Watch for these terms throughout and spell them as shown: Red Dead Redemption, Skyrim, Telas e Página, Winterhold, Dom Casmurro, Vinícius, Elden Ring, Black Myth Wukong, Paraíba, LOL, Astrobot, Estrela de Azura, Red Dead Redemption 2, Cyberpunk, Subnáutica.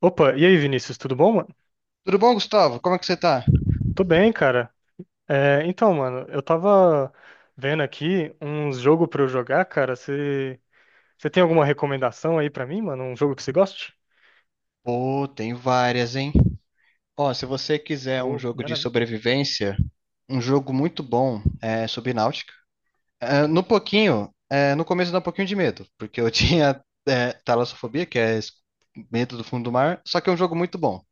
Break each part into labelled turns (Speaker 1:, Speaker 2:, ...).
Speaker 1: Opa, e aí, Vinícius, tudo bom, mano?
Speaker 2: Tudo bom, Gustavo? Como é que você tá?
Speaker 1: Tô bem, cara. É, então, mano, eu tava vendo aqui uns jogos pra eu jogar, cara. Você tem alguma recomendação aí pra mim, mano? Um jogo que você goste?
Speaker 2: Pô, tem várias, hein? Ó, se você quiser um
Speaker 1: Oh,
Speaker 2: jogo de
Speaker 1: maravilha.
Speaker 2: sobrevivência, um jogo muito bom é Subnáutica. No começo dá um pouquinho de medo, porque eu tinha talassofobia, que é medo do fundo do mar, só que é um jogo muito bom.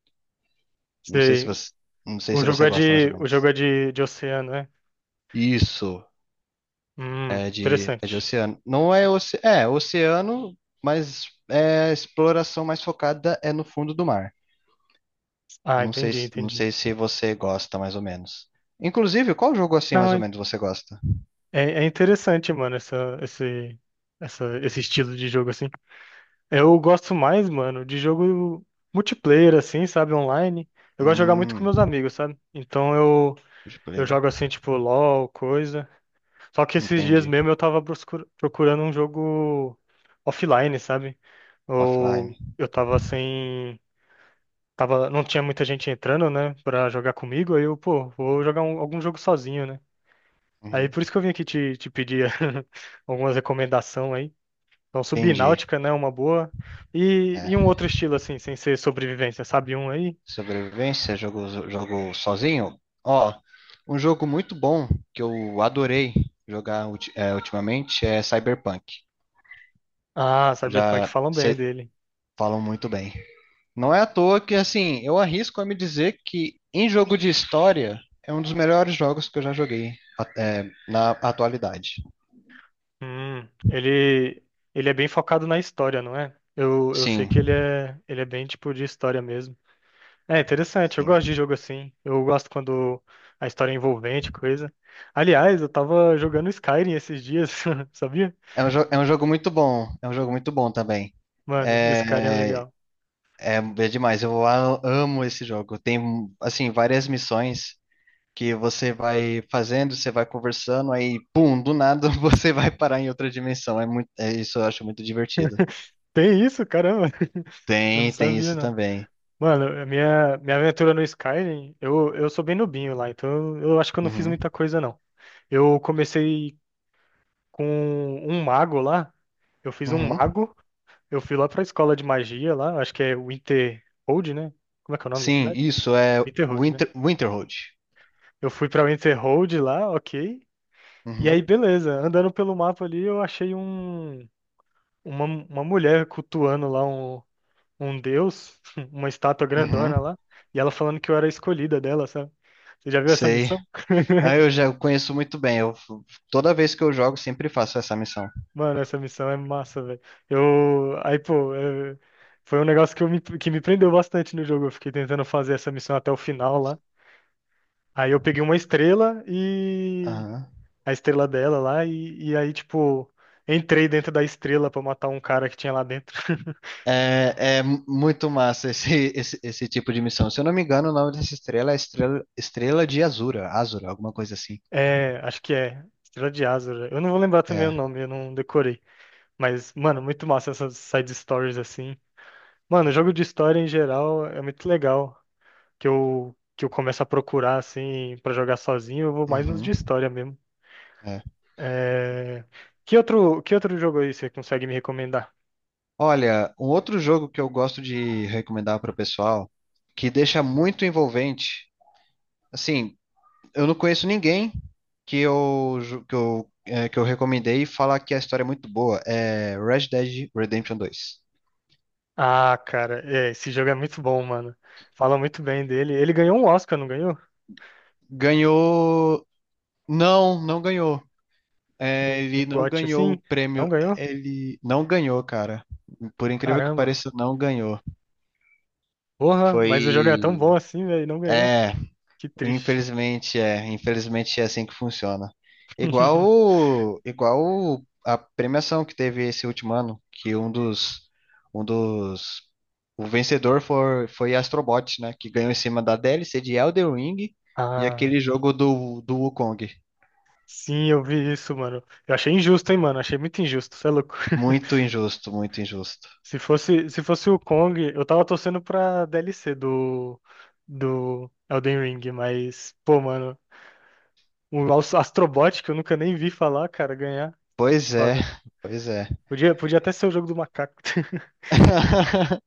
Speaker 2: Não sei se
Speaker 1: Sei.
Speaker 2: você, não sei
Speaker 1: O
Speaker 2: se
Speaker 1: jogo
Speaker 2: você
Speaker 1: é
Speaker 2: gosta mais ou
Speaker 1: de, o jogo
Speaker 2: menos.
Speaker 1: é de oceano, né?
Speaker 2: Isso, é de
Speaker 1: Interessante.
Speaker 2: oceano. Não é, oce, É oceano, mas a exploração mais focada é no fundo do mar.
Speaker 1: Ah, entendi,
Speaker 2: Não
Speaker 1: entendi.
Speaker 2: sei se você gosta mais ou menos. Inclusive, qual jogo assim
Speaker 1: Não,
Speaker 2: mais ou
Speaker 1: é,
Speaker 2: menos você gosta?
Speaker 1: é interessante, mano, esse estilo de jogo assim. Eu gosto mais, mano, de jogo multiplayer, assim, sabe? Online. Eu gosto de jogar muito com
Speaker 2: Hum,
Speaker 1: meus amigos, sabe? Então eu
Speaker 2: multiplayer.
Speaker 1: jogo assim, tipo, LOL, coisa. Só que esses dias
Speaker 2: Entendi.
Speaker 1: mesmo eu tava procurando um jogo offline, sabe? Ou
Speaker 2: Offline.
Speaker 1: eu tava sem. Tava, não tinha muita gente entrando, né, pra jogar comigo. Aí eu, pô, vou jogar algum jogo sozinho, né? Aí
Speaker 2: Uhum.
Speaker 1: por isso que eu vim aqui te pedir algumas recomendações aí. Então,
Speaker 2: Entendi.
Speaker 1: Subnáutica, né? Uma boa. E um
Speaker 2: É.
Speaker 1: outro estilo, assim, sem ser sobrevivência, sabe um aí?
Speaker 2: Sobrevivência, jogo, jogo sozinho? Ó, um jogo muito bom que eu adorei jogar ultimamente é Cyberpunk.
Speaker 1: Ah, Cyberpunk
Speaker 2: Já
Speaker 1: falam bem
Speaker 2: cê-
Speaker 1: dele.
Speaker 2: Falam muito bem. Não é à toa que, assim, eu arrisco a me dizer que em jogo de história é um dos melhores jogos que eu já joguei na atualidade.
Speaker 1: Hum, ele, ele é bem focado na história, não é? Eu sei que ele
Speaker 2: Sim,
Speaker 1: é, ele é bem tipo de história mesmo. É interessante, eu gosto de
Speaker 2: sim.
Speaker 1: jogo assim. Eu gosto quando a história é envolvente, coisa. Aliás, eu tava jogando Skyrim esses dias, sabia?
Speaker 2: É um, é um jogo muito bom. É um jogo muito bom também.
Speaker 1: Mano, Skyrim é
Speaker 2: É,
Speaker 1: legal.
Speaker 2: é, é demais. Eu amo esse jogo. Tem, assim, várias missões que você vai fazendo, você vai conversando, aí, pum, do nada você vai parar em outra dimensão. Isso eu acho muito divertido.
Speaker 1: Tem isso? Caramba, eu não
Speaker 2: Tem
Speaker 1: sabia,
Speaker 2: isso
Speaker 1: não.
Speaker 2: também.
Speaker 1: Mano, a minha aventura no Skyrim, eu sou bem nubinho lá, então eu acho que eu não fiz
Speaker 2: Uhum,
Speaker 1: muita coisa, não. Eu comecei com um mago lá, eu fiz um
Speaker 2: uhum.
Speaker 1: mago, eu fui lá pra escola de magia lá, acho que é Winterhold, né? Como é que é o nome da
Speaker 2: Sim,
Speaker 1: cidade?
Speaker 2: isso é
Speaker 1: Winterhold, né?
Speaker 2: Winterhold.
Speaker 1: Eu fui pra Winterhold lá, ok. E
Speaker 2: Uhum,
Speaker 1: aí, beleza, andando pelo mapa ali, eu achei uma mulher cultuando lá um deus, uma estátua
Speaker 2: uhum,
Speaker 1: grandona lá, e ela falando que eu era a escolhida dela, sabe? Você já viu essa
Speaker 2: sei.
Speaker 1: missão?
Speaker 2: Ah, eu já conheço muito bem. Eu, toda vez que eu jogo, sempre faço essa missão.
Speaker 1: Mano, essa missão é massa, velho. Eu. Aí, pô, é, foi um negócio que me prendeu bastante no jogo. Eu fiquei tentando fazer essa missão até o final lá. Aí eu peguei uma estrela.
Speaker 2: Aham.
Speaker 1: A estrela dela lá, e aí, tipo, entrei dentro da estrela pra matar um cara que tinha lá dentro.
Speaker 2: É, é muito massa esse tipo de missão. Se eu não me engano, o nome dessa estrela é Estrela de Azura, alguma coisa assim.
Speaker 1: É, acho que é. Estrela de Azura. Eu não vou lembrar também o
Speaker 2: É.
Speaker 1: nome, eu não decorei. Mas, mano, muito massa essas side stories assim. Mano, jogo de história em geral é muito legal. Que eu começo a procurar assim pra jogar sozinho, eu vou mais nos de
Speaker 2: Uhum,
Speaker 1: história mesmo.
Speaker 2: é.
Speaker 1: É... que outro jogo aí você consegue me recomendar?
Speaker 2: Olha, um outro jogo que eu gosto de recomendar para o pessoal, que deixa muito envolvente. Assim, eu não conheço ninguém que eu, ju- que eu, é, que eu recomendei e falar que a história é muito boa. É Red Dead Redemption 2.
Speaker 1: Ah, cara, é, esse jogo é muito bom, mano. Fala muito bem dele. Ele ganhou um Oscar, não ganhou?
Speaker 2: Ganhou. Não, não ganhou.
Speaker 1: Um,
Speaker 2: É,
Speaker 1: um
Speaker 2: ele não
Speaker 1: GOT
Speaker 2: ganhou
Speaker 1: assim?
Speaker 2: o
Speaker 1: Não
Speaker 2: prêmio.
Speaker 1: ganhou?
Speaker 2: Ele não ganhou, cara. Por incrível que
Speaker 1: Caramba.
Speaker 2: pareça, não ganhou.
Speaker 1: Porra,
Speaker 2: Foi.
Speaker 1: mas o jogo é tão bom assim, velho, e não ganhou.
Speaker 2: É.
Speaker 1: Que triste.
Speaker 2: Infelizmente é assim que funciona. A premiação que teve esse último ano, que um dos, o vencedor foi Astrobot, né, que ganhou em cima da DLC de Elden Ring e
Speaker 1: Ah.
Speaker 2: aquele jogo do Wukong.
Speaker 1: Sim, eu vi isso, mano. Eu achei injusto, hein, mano? Achei muito injusto, você é louco.
Speaker 2: Muito injusto, muito injusto.
Speaker 1: Se fosse o Kong, eu tava torcendo pra DLC do Elden Ring, mas, pô, mano, o Astrobot, que eu nunca nem vi falar, cara, ganhar.
Speaker 2: Pois é,
Speaker 1: Foda.
Speaker 2: pois é.
Speaker 1: Podia até ser o jogo do macaco.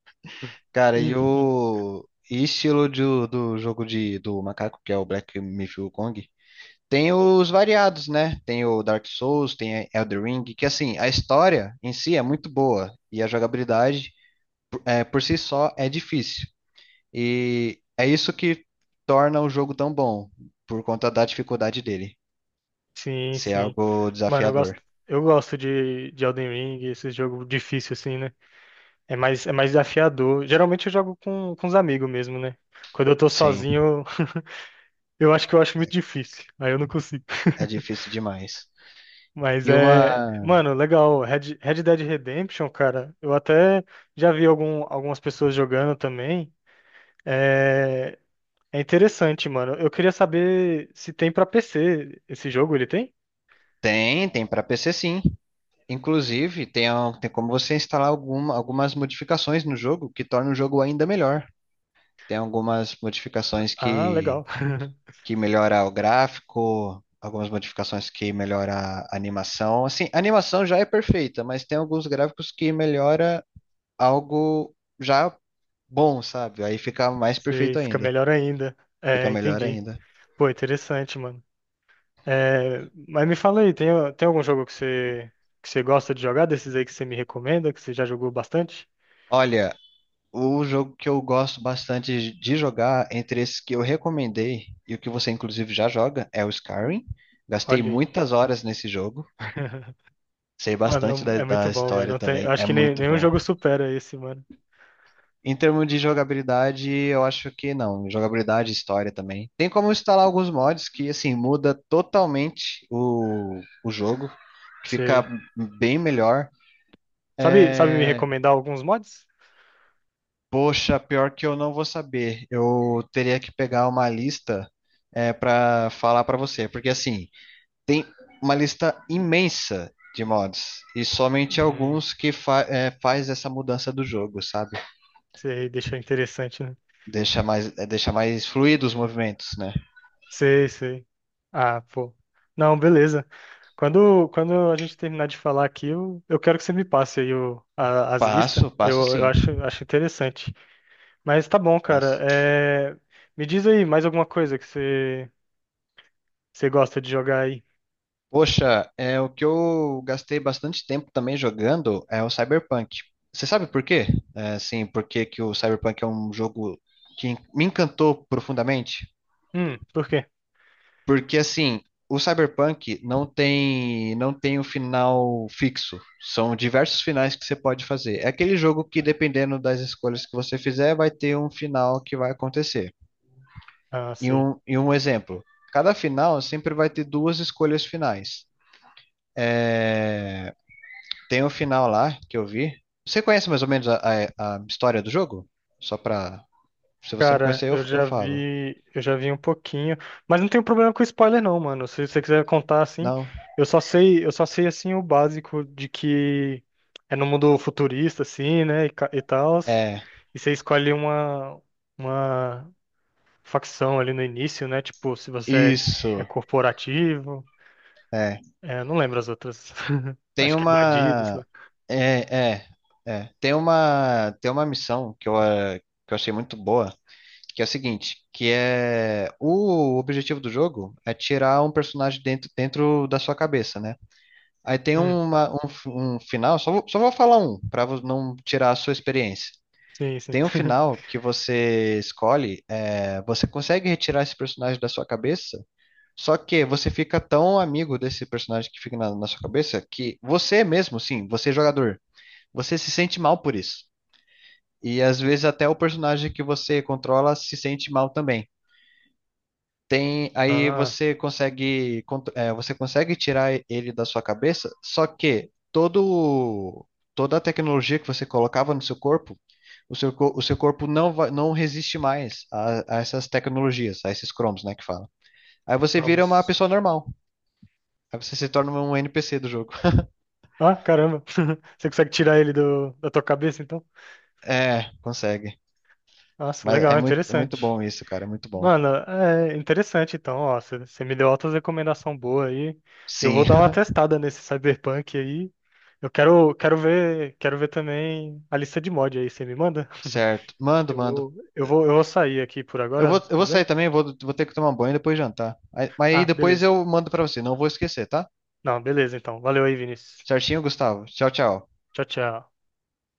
Speaker 2: Cara, e
Speaker 1: Enfim.
Speaker 2: o e estilo do jogo do macaco, que é o Black Myth Wukong? Tem os variados, né? Tem o Dark Souls, tem Elden Ring, que assim, a história em si é muito boa e a jogabilidade por si só é difícil. E é isso que torna o jogo tão bom, por conta da dificuldade dele,
Speaker 1: Sim,
Speaker 2: ser
Speaker 1: sim.
Speaker 2: algo
Speaker 1: Mano, eu gosto,
Speaker 2: desafiador.
Speaker 1: eu gosto de Elden Ring, esse jogo difícil, assim, né? É mais desafiador. Geralmente eu jogo com os amigos mesmo, né? Quando eu tô
Speaker 2: Sim,
Speaker 1: sozinho. Eu acho que eu acho muito difícil. Aí eu não consigo.
Speaker 2: é difícil demais.
Speaker 1: Mas
Speaker 2: E
Speaker 1: é.
Speaker 2: uma.
Speaker 1: Mano, legal. Red Dead Redemption, cara. Eu até já vi algumas pessoas jogando também. É, é interessante, mano. Eu queria saber se tem pra PC esse jogo. Ele tem?
Speaker 2: Tem, tem para PC sim. Inclusive, tem como você instalar algumas modificações no jogo que tornam o jogo ainda melhor. Tem algumas modificações
Speaker 1: Ah, legal.
Speaker 2: que melhora o gráfico, algumas modificações que melhora a animação. Assim, a animação já é perfeita, mas tem alguns gráficos que melhora algo já bom, sabe? Aí fica mais
Speaker 1: Sei,
Speaker 2: perfeito
Speaker 1: fica
Speaker 2: ainda,
Speaker 1: melhor ainda.
Speaker 2: fica
Speaker 1: É,
Speaker 2: melhor
Speaker 1: entendi.
Speaker 2: ainda.
Speaker 1: Pô, interessante, mano. É, mas me fala aí, tem algum jogo que você gosta de jogar, desses aí que você me recomenda, que você já jogou bastante?
Speaker 2: Olha, o jogo que eu gosto bastante de jogar, entre esses que eu recomendei e o que você inclusive já joga, é o Skyrim. Gastei
Speaker 1: Olha aí.
Speaker 2: muitas horas nesse jogo. Sei
Speaker 1: Mano,
Speaker 2: bastante
Speaker 1: é muito
Speaker 2: da
Speaker 1: bom, velho.
Speaker 2: história
Speaker 1: Não tem, eu
Speaker 2: também,
Speaker 1: acho
Speaker 2: é
Speaker 1: que
Speaker 2: muito
Speaker 1: nenhum
Speaker 2: bom.
Speaker 1: jogo supera esse, mano.
Speaker 2: Em termos de jogabilidade, eu acho que não. Jogabilidade, e história também. Tem como instalar alguns mods que, assim, muda totalmente o jogo, que fica
Speaker 1: Sei.
Speaker 2: bem melhor.
Speaker 1: Sabe me
Speaker 2: É,
Speaker 1: recomendar alguns mods?
Speaker 2: Poxa, pior que eu não vou saber. Eu teria que pegar uma lista para falar para você, porque, assim, tem uma lista imensa de mods e somente
Speaker 1: Hum,
Speaker 2: alguns que faz essa mudança do jogo, sabe?
Speaker 1: sei, deixa interessante, né?
Speaker 2: Deixa mais, deixa mais fluido os movimentos, né?
Speaker 1: Sei, sei. Ah, pô. Não, beleza. Quando a gente terminar de falar aqui, eu quero que você me passe aí as listas.
Speaker 2: Passo, passo
Speaker 1: Eu
Speaker 2: sim.
Speaker 1: acho interessante. Mas tá bom, cara.
Speaker 2: Passo.
Speaker 1: É, me diz aí mais alguma coisa que você gosta de jogar aí.
Speaker 2: Poxa, é o que eu gastei bastante tempo também jogando é o Cyberpunk. Você sabe por quê? É, assim, por que que o Cyberpunk é um jogo que me encantou profundamente?
Speaker 1: Por quê?
Speaker 2: Porque assim, o Cyberpunk não tem um final fixo. São diversos finais que você pode fazer. É aquele jogo que dependendo das escolhas que você fizer, vai ter um final que vai acontecer.
Speaker 1: Ah,
Speaker 2: E
Speaker 1: sei.
Speaker 2: um, e um exemplo. Cada final sempre vai ter duas escolhas finais. Tem um final lá que eu vi. Você conhece mais ou menos a história do jogo? Só pra. Se você não
Speaker 1: Cara,
Speaker 2: conhecer,
Speaker 1: eu
Speaker 2: eu
Speaker 1: já
Speaker 2: falo.
Speaker 1: vi, eu já vi um pouquinho, mas não tenho problema com spoiler não, mano. Se você quiser contar assim,
Speaker 2: Não?
Speaker 1: eu só sei assim o básico de que é no mundo futurista assim, né, e tal,
Speaker 2: É.
Speaker 1: e você escolhe uma facção ali no início, né? Tipo, se você é
Speaker 2: Isso.
Speaker 1: corporativo,
Speaker 2: É.
Speaker 1: é, eu não lembro as outras.
Speaker 2: Tem
Speaker 1: Acho que é bandido, sei
Speaker 2: uma.
Speaker 1: lá.
Speaker 2: É, é, é. Tem uma missão que que eu achei muito boa, que é o seguinte, que é o objetivo do jogo é tirar um personagem dentro da sua cabeça, né? Aí tem
Speaker 1: Hum,
Speaker 2: um final, só vou falar um, pra não tirar a sua experiência.
Speaker 1: sim, sim.
Speaker 2: Tem um final que você escolhe, é, você consegue retirar esse personagem da sua cabeça, só que você fica tão amigo desse personagem que fica na sua cabeça que você mesmo, sim, você é jogador, você se sente mal por isso. E às vezes até o personagem que você controla se sente mal também. Aí
Speaker 1: Ah,
Speaker 2: você consegue, você consegue tirar ele da sua cabeça, só que toda a tecnologia que você colocava no seu corpo o seu corpo não resiste mais a essas tecnologias, a esses cromos, né, que fala. Aí você vira uma
Speaker 1: promos.
Speaker 2: pessoa normal. Aí você se torna um NPC do jogo.
Speaker 1: Ah, caramba. Você consegue tirar ele da tua cabeça, então?
Speaker 2: É, consegue.
Speaker 1: Nossa,
Speaker 2: Mas
Speaker 1: legal,
Speaker 2: é muito
Speaker 1: interessante.
Speaker 2: bom isso, cara, é muito bom.
Speaker 1: Mano, é interessante então, ó, você me deu altas recomendação boa aí. Eu vou
Speaker 2: Sim,
Speaker 1: dar uma testada nesse Cyberpunk aí. Eu quero ver também a lista de mod aí, você me manda?
Speaker 2: certo. Mando, mando.
Speaker 1: Eu vou sair aqui por agora,
Speaker 2: Eu vou
Speaker 1: tudo bem?
Speaker 2: sair também, vou, vou ter que tomar um banho e depois jantar. Aí- Mas aí
Speaker 1: Ah,
Speaker 2: depois
Speaker 1: beleza.
Speaker 2: eu mando pra você, não vou esquecer, tá?
Speaker 1: Não, beleza então. Valeu aí, Vinícius.
Speaker 2: Certinho, Gustavo? Tchau, tchau.
Speaker 1: Tchau, tchau.